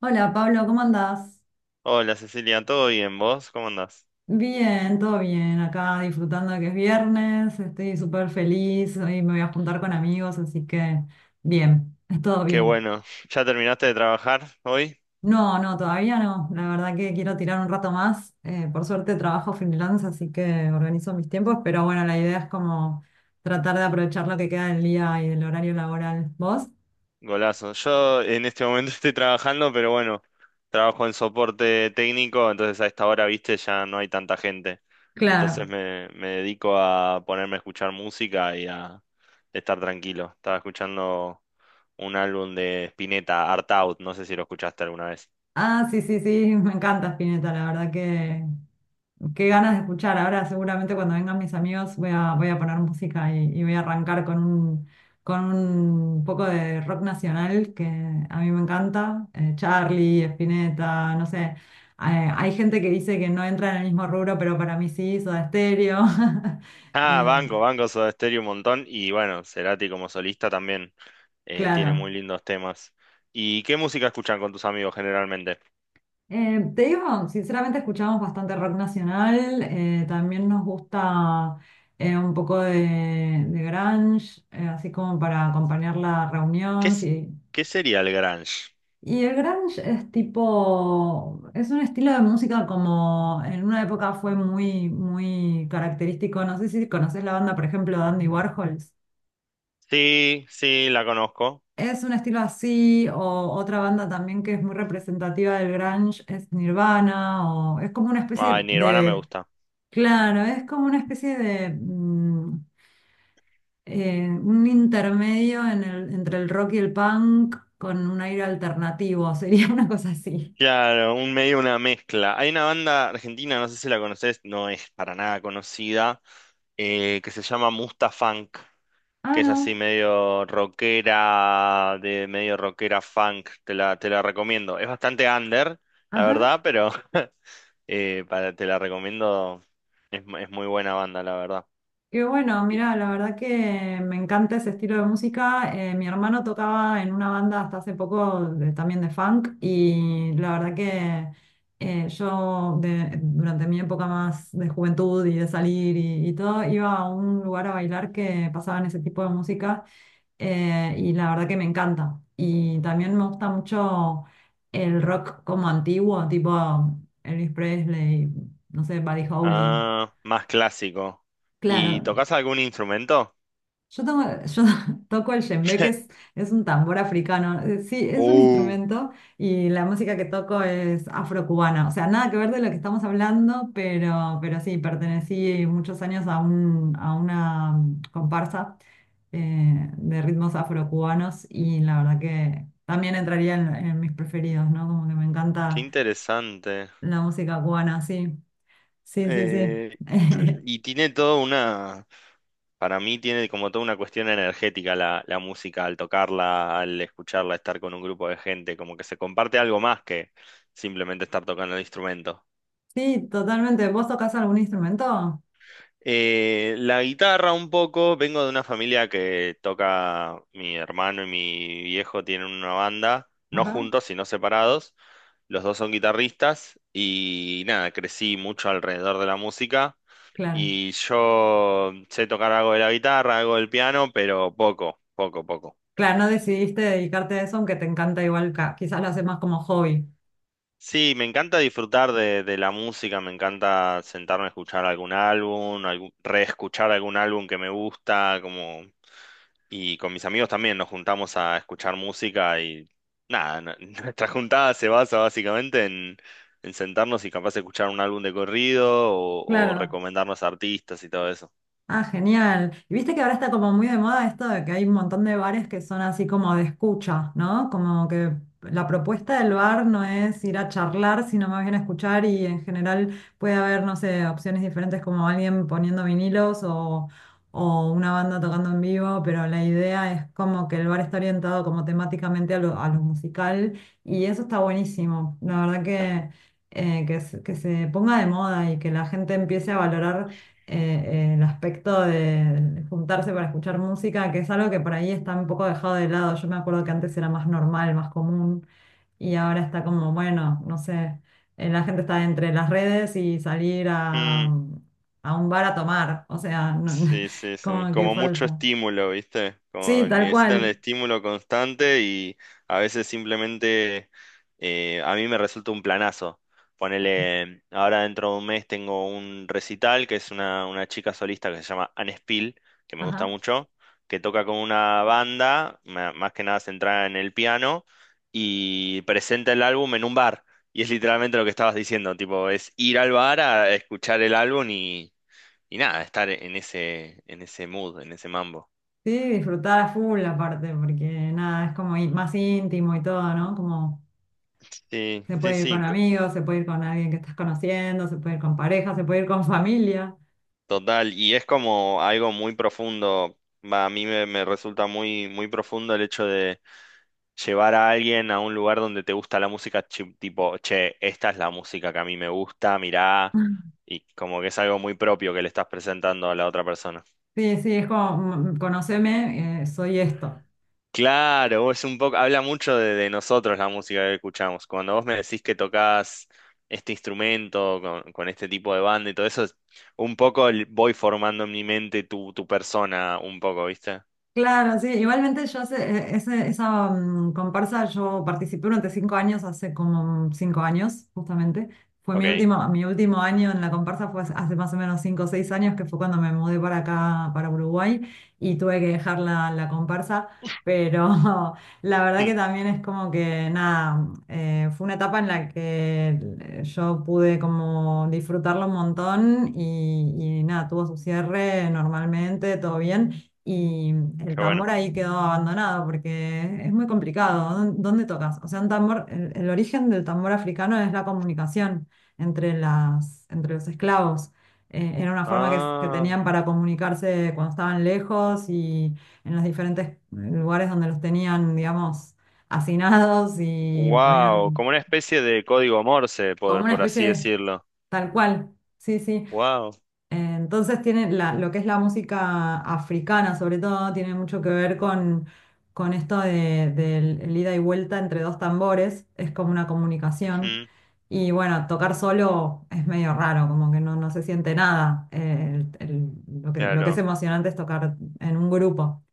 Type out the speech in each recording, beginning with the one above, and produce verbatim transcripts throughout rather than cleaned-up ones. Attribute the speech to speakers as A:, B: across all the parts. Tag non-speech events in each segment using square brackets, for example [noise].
A: Hola Pablo, ¿cómo andás?
B: Hola Cecilia, ¿todo bien vos? ¿Cómo andás?
A: Bien, todo bien, acá disfrutando de que es viernes, estoy súper feliz, hoy me voy a juntar con amigos, así que bien, es todo
B: Qué
A: bien.
B: bueno, [laughs] ¿ya terminaste de trabajar hoy?
A: No, no, todavía no, la verdad que quiero tirar un rato más, eh, por suerte trabajo freelance, así que organizo mis tiempos, pero bueno, la idea es como tratar de aprovechar lo que queda del día y del horario laboral. ¿Vos?
B: Golazo. Yo en este momento [laughs] estoy trabajando, pero bueno, trabajo en soporte técnico, entonces a esta hora, viste, ya no hay tanta gente. Entonces
A: Claro.
B: me, me dedico a ponerme a escuchar música y a estar tranquilo. Estaba escuchando un álbum de Spinetta, Art Out, no sé si lo escuchaste alguna vez.
A: Ah, sí, sí, sí, [laughs] me encanta Spinetta, la verdad que qué ganas de escuchar. Ahora seguramente cuando vengan mis amigos voy a, voy a poner música y, y voy a arrancar con un, con un poco de rock nacional que a mí me encanta. Eh, Charlie, Spinetta, no sé. Eh, hay gente que dice que no entra en el mismo rubro, pero para mí sí, Soda Stereo. [laughs]
B: Ah,
A: Eh,
B: banco, banco Soda Stereo un montón. Y bueno, Cerati como solista también eh, tiene
A: claro.
B: muy lindos temas. ¿Y qué música escuchan con tus amigos generalmente?
A: Eh, te digo, sinceramente escuchamos bastante rock nacional, eh, también nos gusta eh, un poco de, de grunge, eh, así como para acompañar la
B: ¿Qué,
A: reunión.
B: es-
A: Sí.
B: ¿Qué sería el grunge?
A: Y el grunge es tipo, es un estilo de música como en una época fue muy, muy característico. No sé si conoces la banda, por ejemplo, de Andy Warhols.
B: Sí, sí, la conozco.
A: Es un estilo así, o otra banda también que es muy representativa del grunge es Nirvana, o es como una especie
B: Ay,
A: de,
B: Nirvana me
A: de-
B: gusta.
A: Claro, es como una especie de mm, eh, un intermedio en el- entre el rock y el punk con un aire alternativo, [laughs] sería una cosa así.
B: Claro, un medio, una mezcla. Hay una banda argentina, no sé si la conoces, no es para nada conocida, eh, que se llama Mustafunk.
A: Ah,
B: Que es así
A: no,
B: medio rockera, de medio rockera funk, te la, te la recomiendo. Es bastante under, la
A: ajá.
B: verdad, pero [laughs] eh, para, te la recomiendo. Es, mu- es muy buena banda, la verdad.
A: Qué bueno,
B: Y-
A: mira, la verdad que me encanta ese estilo de música. Eh, mi hermano tocaba en una banda hasta hace poco de- también de funk y la verdad que eh, yo de- durante mi época más de juventud y de salir y, y, todo, iba a un lugar a bailar que pasaban ese tipo de música eh, y la verdad que me encanta. Y también me gusta mucho el rock como antiguo, tipo Elvis Presley, no sé, Buddy Holly.
B: Ah, más clásico.
A: Claro.
B: ¿Y tocas algún instrumento?
A: Yo tomo- yo [laughs] toco el djembe, que es,
B: [laughs]
A: es un tambor africano. Eh, Sí, es un
B: Uh,
A: instrumento y la música que toco es afrocubana. O sea, nada que ver de lo que estamos hablando, pero, pero sí, pertenecí muchos años a, un, a una mm, comparsa eh, de ritmos afrocubanos y la verdad que también entraría en, en mis preferidos, ¿no? Como que me
B: qué
A: encanta
B: interesante.
A: la música cubana, sí. Sí, sí, sí.
B: Eh,
A: [laughs]
B: [clears throat] y tiene toda una, para mí tiene como toda una cuestión energética la, la música, al tocarla, al escucharla, estar con un grupo de gente, como que se comparte algo más que simplemente estar tocando el instrumento.
A: Sí, totalmente. ¿Vos tocás algún instrumento?
B: Eh, la guitarra un poco, vengo de una familia que toca, mi hermano y mi viejo tienen una banda, no
A: Ajá,
B: juntos, sino separados, los dos son guitarristas y nada, crecí mucho alrededor de la música.
A: claro.
B: Y yo sé tocar algo de la guitarra, algo del piano, pero poco, poco, poco.
A: Claro, no decidiste dedicarte a eso, aunque te encanta igual, ca- quizás lo haces más como hobby.
B: Sí, me encanta disfrutar de, de la música, me encanta sentarme a escuchar algún álbum, algún- reescuchar algún álbum que me gusta, como... Y con mis amigos también nos juntamos a escuchar música y nada, n- [laughs] nuestra juntada se basa básicamente en, en sentarnos y capaz de escuchar un álbum de corrido o, o
A: Claro.
B: recomendarnos artistas y todo eso.
A: Ah, genial. Y viste que ahora está como muy de moda esto de que hay un montón de bares que son así como de escucha, ¿no? Como que la propuesta del bar no es ir a charlar, sino más bien a escuchar y en general puede haber, no sé, opciones diferentes como alguien poniendo vinilos o, o una banda tocando en vivo, pero la idea es como que el bar está orientado como temáticamente a lo, a lo musical y eso está buenísimo. La verdad que, eh, que se que se ponga de moda y que la gente empiece a valorar eh, el aspecto de juntarse para escuchar música, que es algo que por ahí está un poco dejado de lado. Yo me acuerdo que antes era más normal, más común, y ahora está como, bueno, no sé, eh, la gente está entre las redes y salir a,
B: Mm.
A: a un bar a tomar, o sea, no- no,
B: Sí,
A: [laughs]
B: sí, sí.
A: como que
B: Como mucho
A: falta.
B: estímulo, ¿viste?
A: Sí,
B: Como
A: tal
B: necesitan el
A: cual.
B: estímulo constante y a veces simplemente eh, a mí me resulta un planazo. Ponele, ahora dentro de un mes tengo un recital que es una, una chica solista que se llama Anne Spill, que me gusta
A: Ajá.
B: mucho, que toca con una banda, ma- más que nada centrada en el piano, y presenta el álbum en un bar. Y es literalmente lo que estabas diciendo, tipo, es ir al bar a escuchar el álbum y nada, estar en ese, en ese mood, en ese mambo.
A: Sí, disfrutar a full aparte, porque nada, es como i- más íntimo y todo, ¿no? Como
B: Sí,
A: se
B: sí,
A: puede ir con
B: sí, co-
A: amigos, se puede ir con alguien que estás conociendo, se puede ir con pareja, se puede ir con familia.
B: total. Y es como algo muy profundo. Va, a mí me, me resulta muy, muy profundo el hecho de llevar a alguien a un lugar donde te gusta la música, chi- tipo, che, esta es la música que a mí me gusta, mirá.
A: [laughs]
B: Y como que es algo muy propio que le estás presentando a la otra persona.
A: Sí, sí, es como, mm, conóceme, eh, soy esto.
B: Claro, es un poco, habla mucho de, de nosotros la música que escuchamos. Cuando vos me decís que tocas este instrumento con, con este tipo de banda y todo eso, es un poco el- voy formando en mi mente tu, tu persona, un poco, ¿viste?
A: Claro, sí, igualmente yo hace- eh, ese- esa mm, comparsa yo participé durante cinco años, hace como cinco años justamente. Fue mi
B: Ok.
A: último, mi último año en la comparsa fue hace hace más o menos cinco o seis años, que fue cuando me mudé para acá, para Uruguay, y tuve que dejar la, la comparsa, pero [laughs] la verdad que
B: Hmm,
A: también es como que nada, eh, fue una etapa en la que eh, yo pude como disfrutarlo un montón y, y nada, tuvo su cierre normalmente, todo bien. Y el
B: qué bueno.
A: tambor ahí quedó abandonado porque es muy complicado. ¿Dón- ¿Dónde tocas? O sea, un tambor, el, el origen del tambor africano es la comunicación entre las, entre los esclavos. Eh, era una forma que, s- que
B: Ah,
A: tenían para comunicarse cuando estaban lejos y en los diferentes eh, lugares donde los tenían, digamos, hacinados y
B: wow,
A: podían,
B: como una especie de código Morse,
A: como
B: por,
A: una
B: por
A: especie
B: así
A: de-
B: decirlo.
A: Tal cual. Sí, sí.
B: Wow,
A: Entonces tiene la- lo que es la música africana, sobre todo, tiene mucho que ver con, con esto de, del el ida y vuelta entre dos tambores, es como una comunicación. Y bueno, tocar solo es medio raro, como que no, no se siente nada. Eh, el- el- lo que, lo que es
B: claro.
A: emocionante es tocar en un grupo.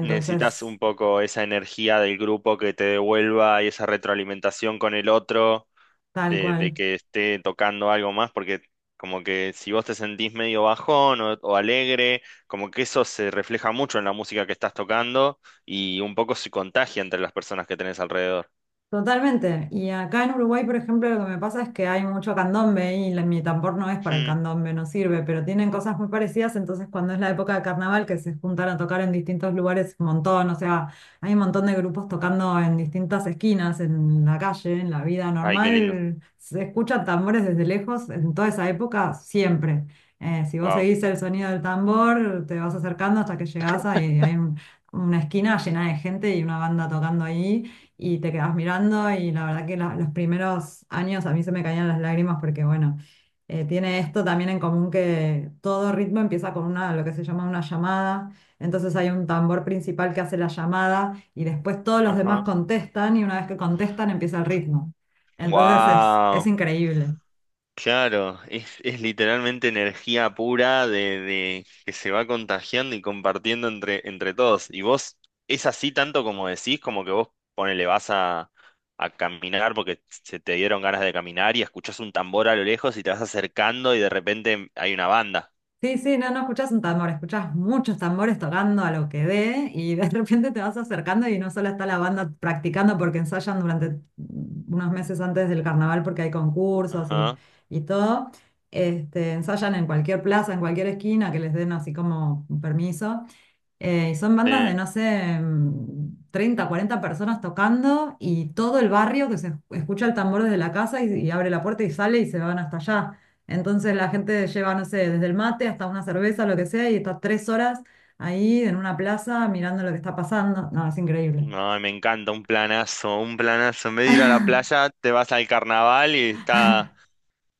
B: Necesitas un poco esa energía del grupo que te devuelva y esa retroalimentación con el otro.
A: tal
B: de, de
A: cual.
B: que esté tocando algo más, porque como que si vos te sentís medio bajón o, o alegre, como que eso se refleja mucho en la música que estás tocando y un poco se contagia entre las personas que tenés alrededor.
A: Totalmente. Y acá en Uruguay, por ejemplo, lo que me pasa es que hay mucho candombe y la- mi tambor no es para el
B: Hmm.
A: candombe, no sirve, pero tienen cosas muy parecidas. Entonces, cuando es la época de carnaval, que se juntan a tocar en distintos lugares, un montón, o sea, hay un montón de grupos tocando en distintas esquinas, en la calle, en la vida
B: Ay, qué lindo.
A: normal. Se escuchan tambores desde lejos en toda esa época, siempre. Eh, si vos
B: Wow.
A: seguís el sonido del tambor, te vas acercando hasta que llegás ahí, hay un- una esquina llena de gente y una banda tocando ahí y te quedas mirando y la verdad que la- los primeros años a mí se me caían las lágrimas porque bueno, eh, tiene esto también en común que todo ritmo empieza con una, lo que se llama una llamada, entonces hay un tambor principal que hace la llamada y después todos los demás
B: Ajá.
A: contestan y una vez que contestan empieza el ritmo. Entonces es, es
B: Wow.
A: increíble.
B: Claro, es, es literalmente energía pura de, de que se va contagiando y compartiendo entre, entre todos. Y vos, es así tanto como decís, como que vos ponele, vas a, a caminar porque se te dieron ganas de caminar y escuchás un tambor a lo lejos y te vas acercando y de repente hay una banda.
A: Sí, sí, no, no escuchás un tambor, escuchás muchos tambores tocando a lo que dé y de [laughs] repente te vas acercando y no solo está la banda practicando porque ensayan durante unos meses antes del carnaval porque hay concursos y,
B: Ajá.
A: y todo, Este, ensayan en cualquier plaza, en cualquier esquina que les den así como un permiso eh, y son bandas de,
B: Sí.
A: no sé, mm, treinta, cuarenta personas tocando y todo el barrio que se escucha el tambor desde la casa y, y abre la puerta y sale y se van hasta allá. Entonces la gente lleva, no sé, desde el mate hasta una cerveza, lo que sea, y está tres horas ahí en una plaza mirando lo que está pasando. No, es increíble.
B: No, me encanta, un planazo, un planazo. En vez de ir a la playa, te vas al carnaval y está.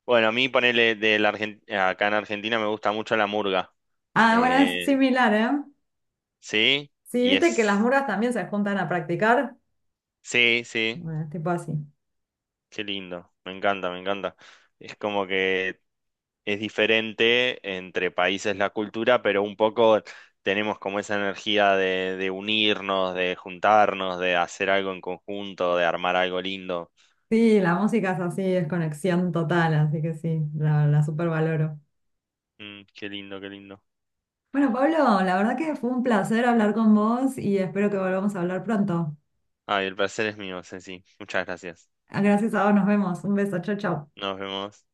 B: Bueno, a mí ponele de la Argen- acá en Argentina me gusta mucho la murga.
A: Ah, bueno, es
B: Eh,
A: similar, ¿eh?
B: Sí,
A: Sí,
B: y
A: viste que las
B: es,
A: murgas también se juntan a practicar.
B: sí, sí,
A: Bueno, es tipo así.
B: qué lindo, me encanta, me encanta. Es como que es diferente entre países la cultura, pero un poco tenemos como esa energía de, de unirnos, de juntarnos, de hacer algo en conjunto, de armar algo lindo.
A: Sí, la música es así, es conexión total, así que sí, la, la supervaloro.
B: Mm, qué lindo, qué lindo.
A: Bueno, Pablo, la verdad que fue un placer hablar con vos y espero que volvamos a hablar pronto.
B: Ay, el placer es mío, Ceci. Muchas gracias.
A: Gracias a vos, nos vemos. Un beso, chau, chau.
B: Nos vemos.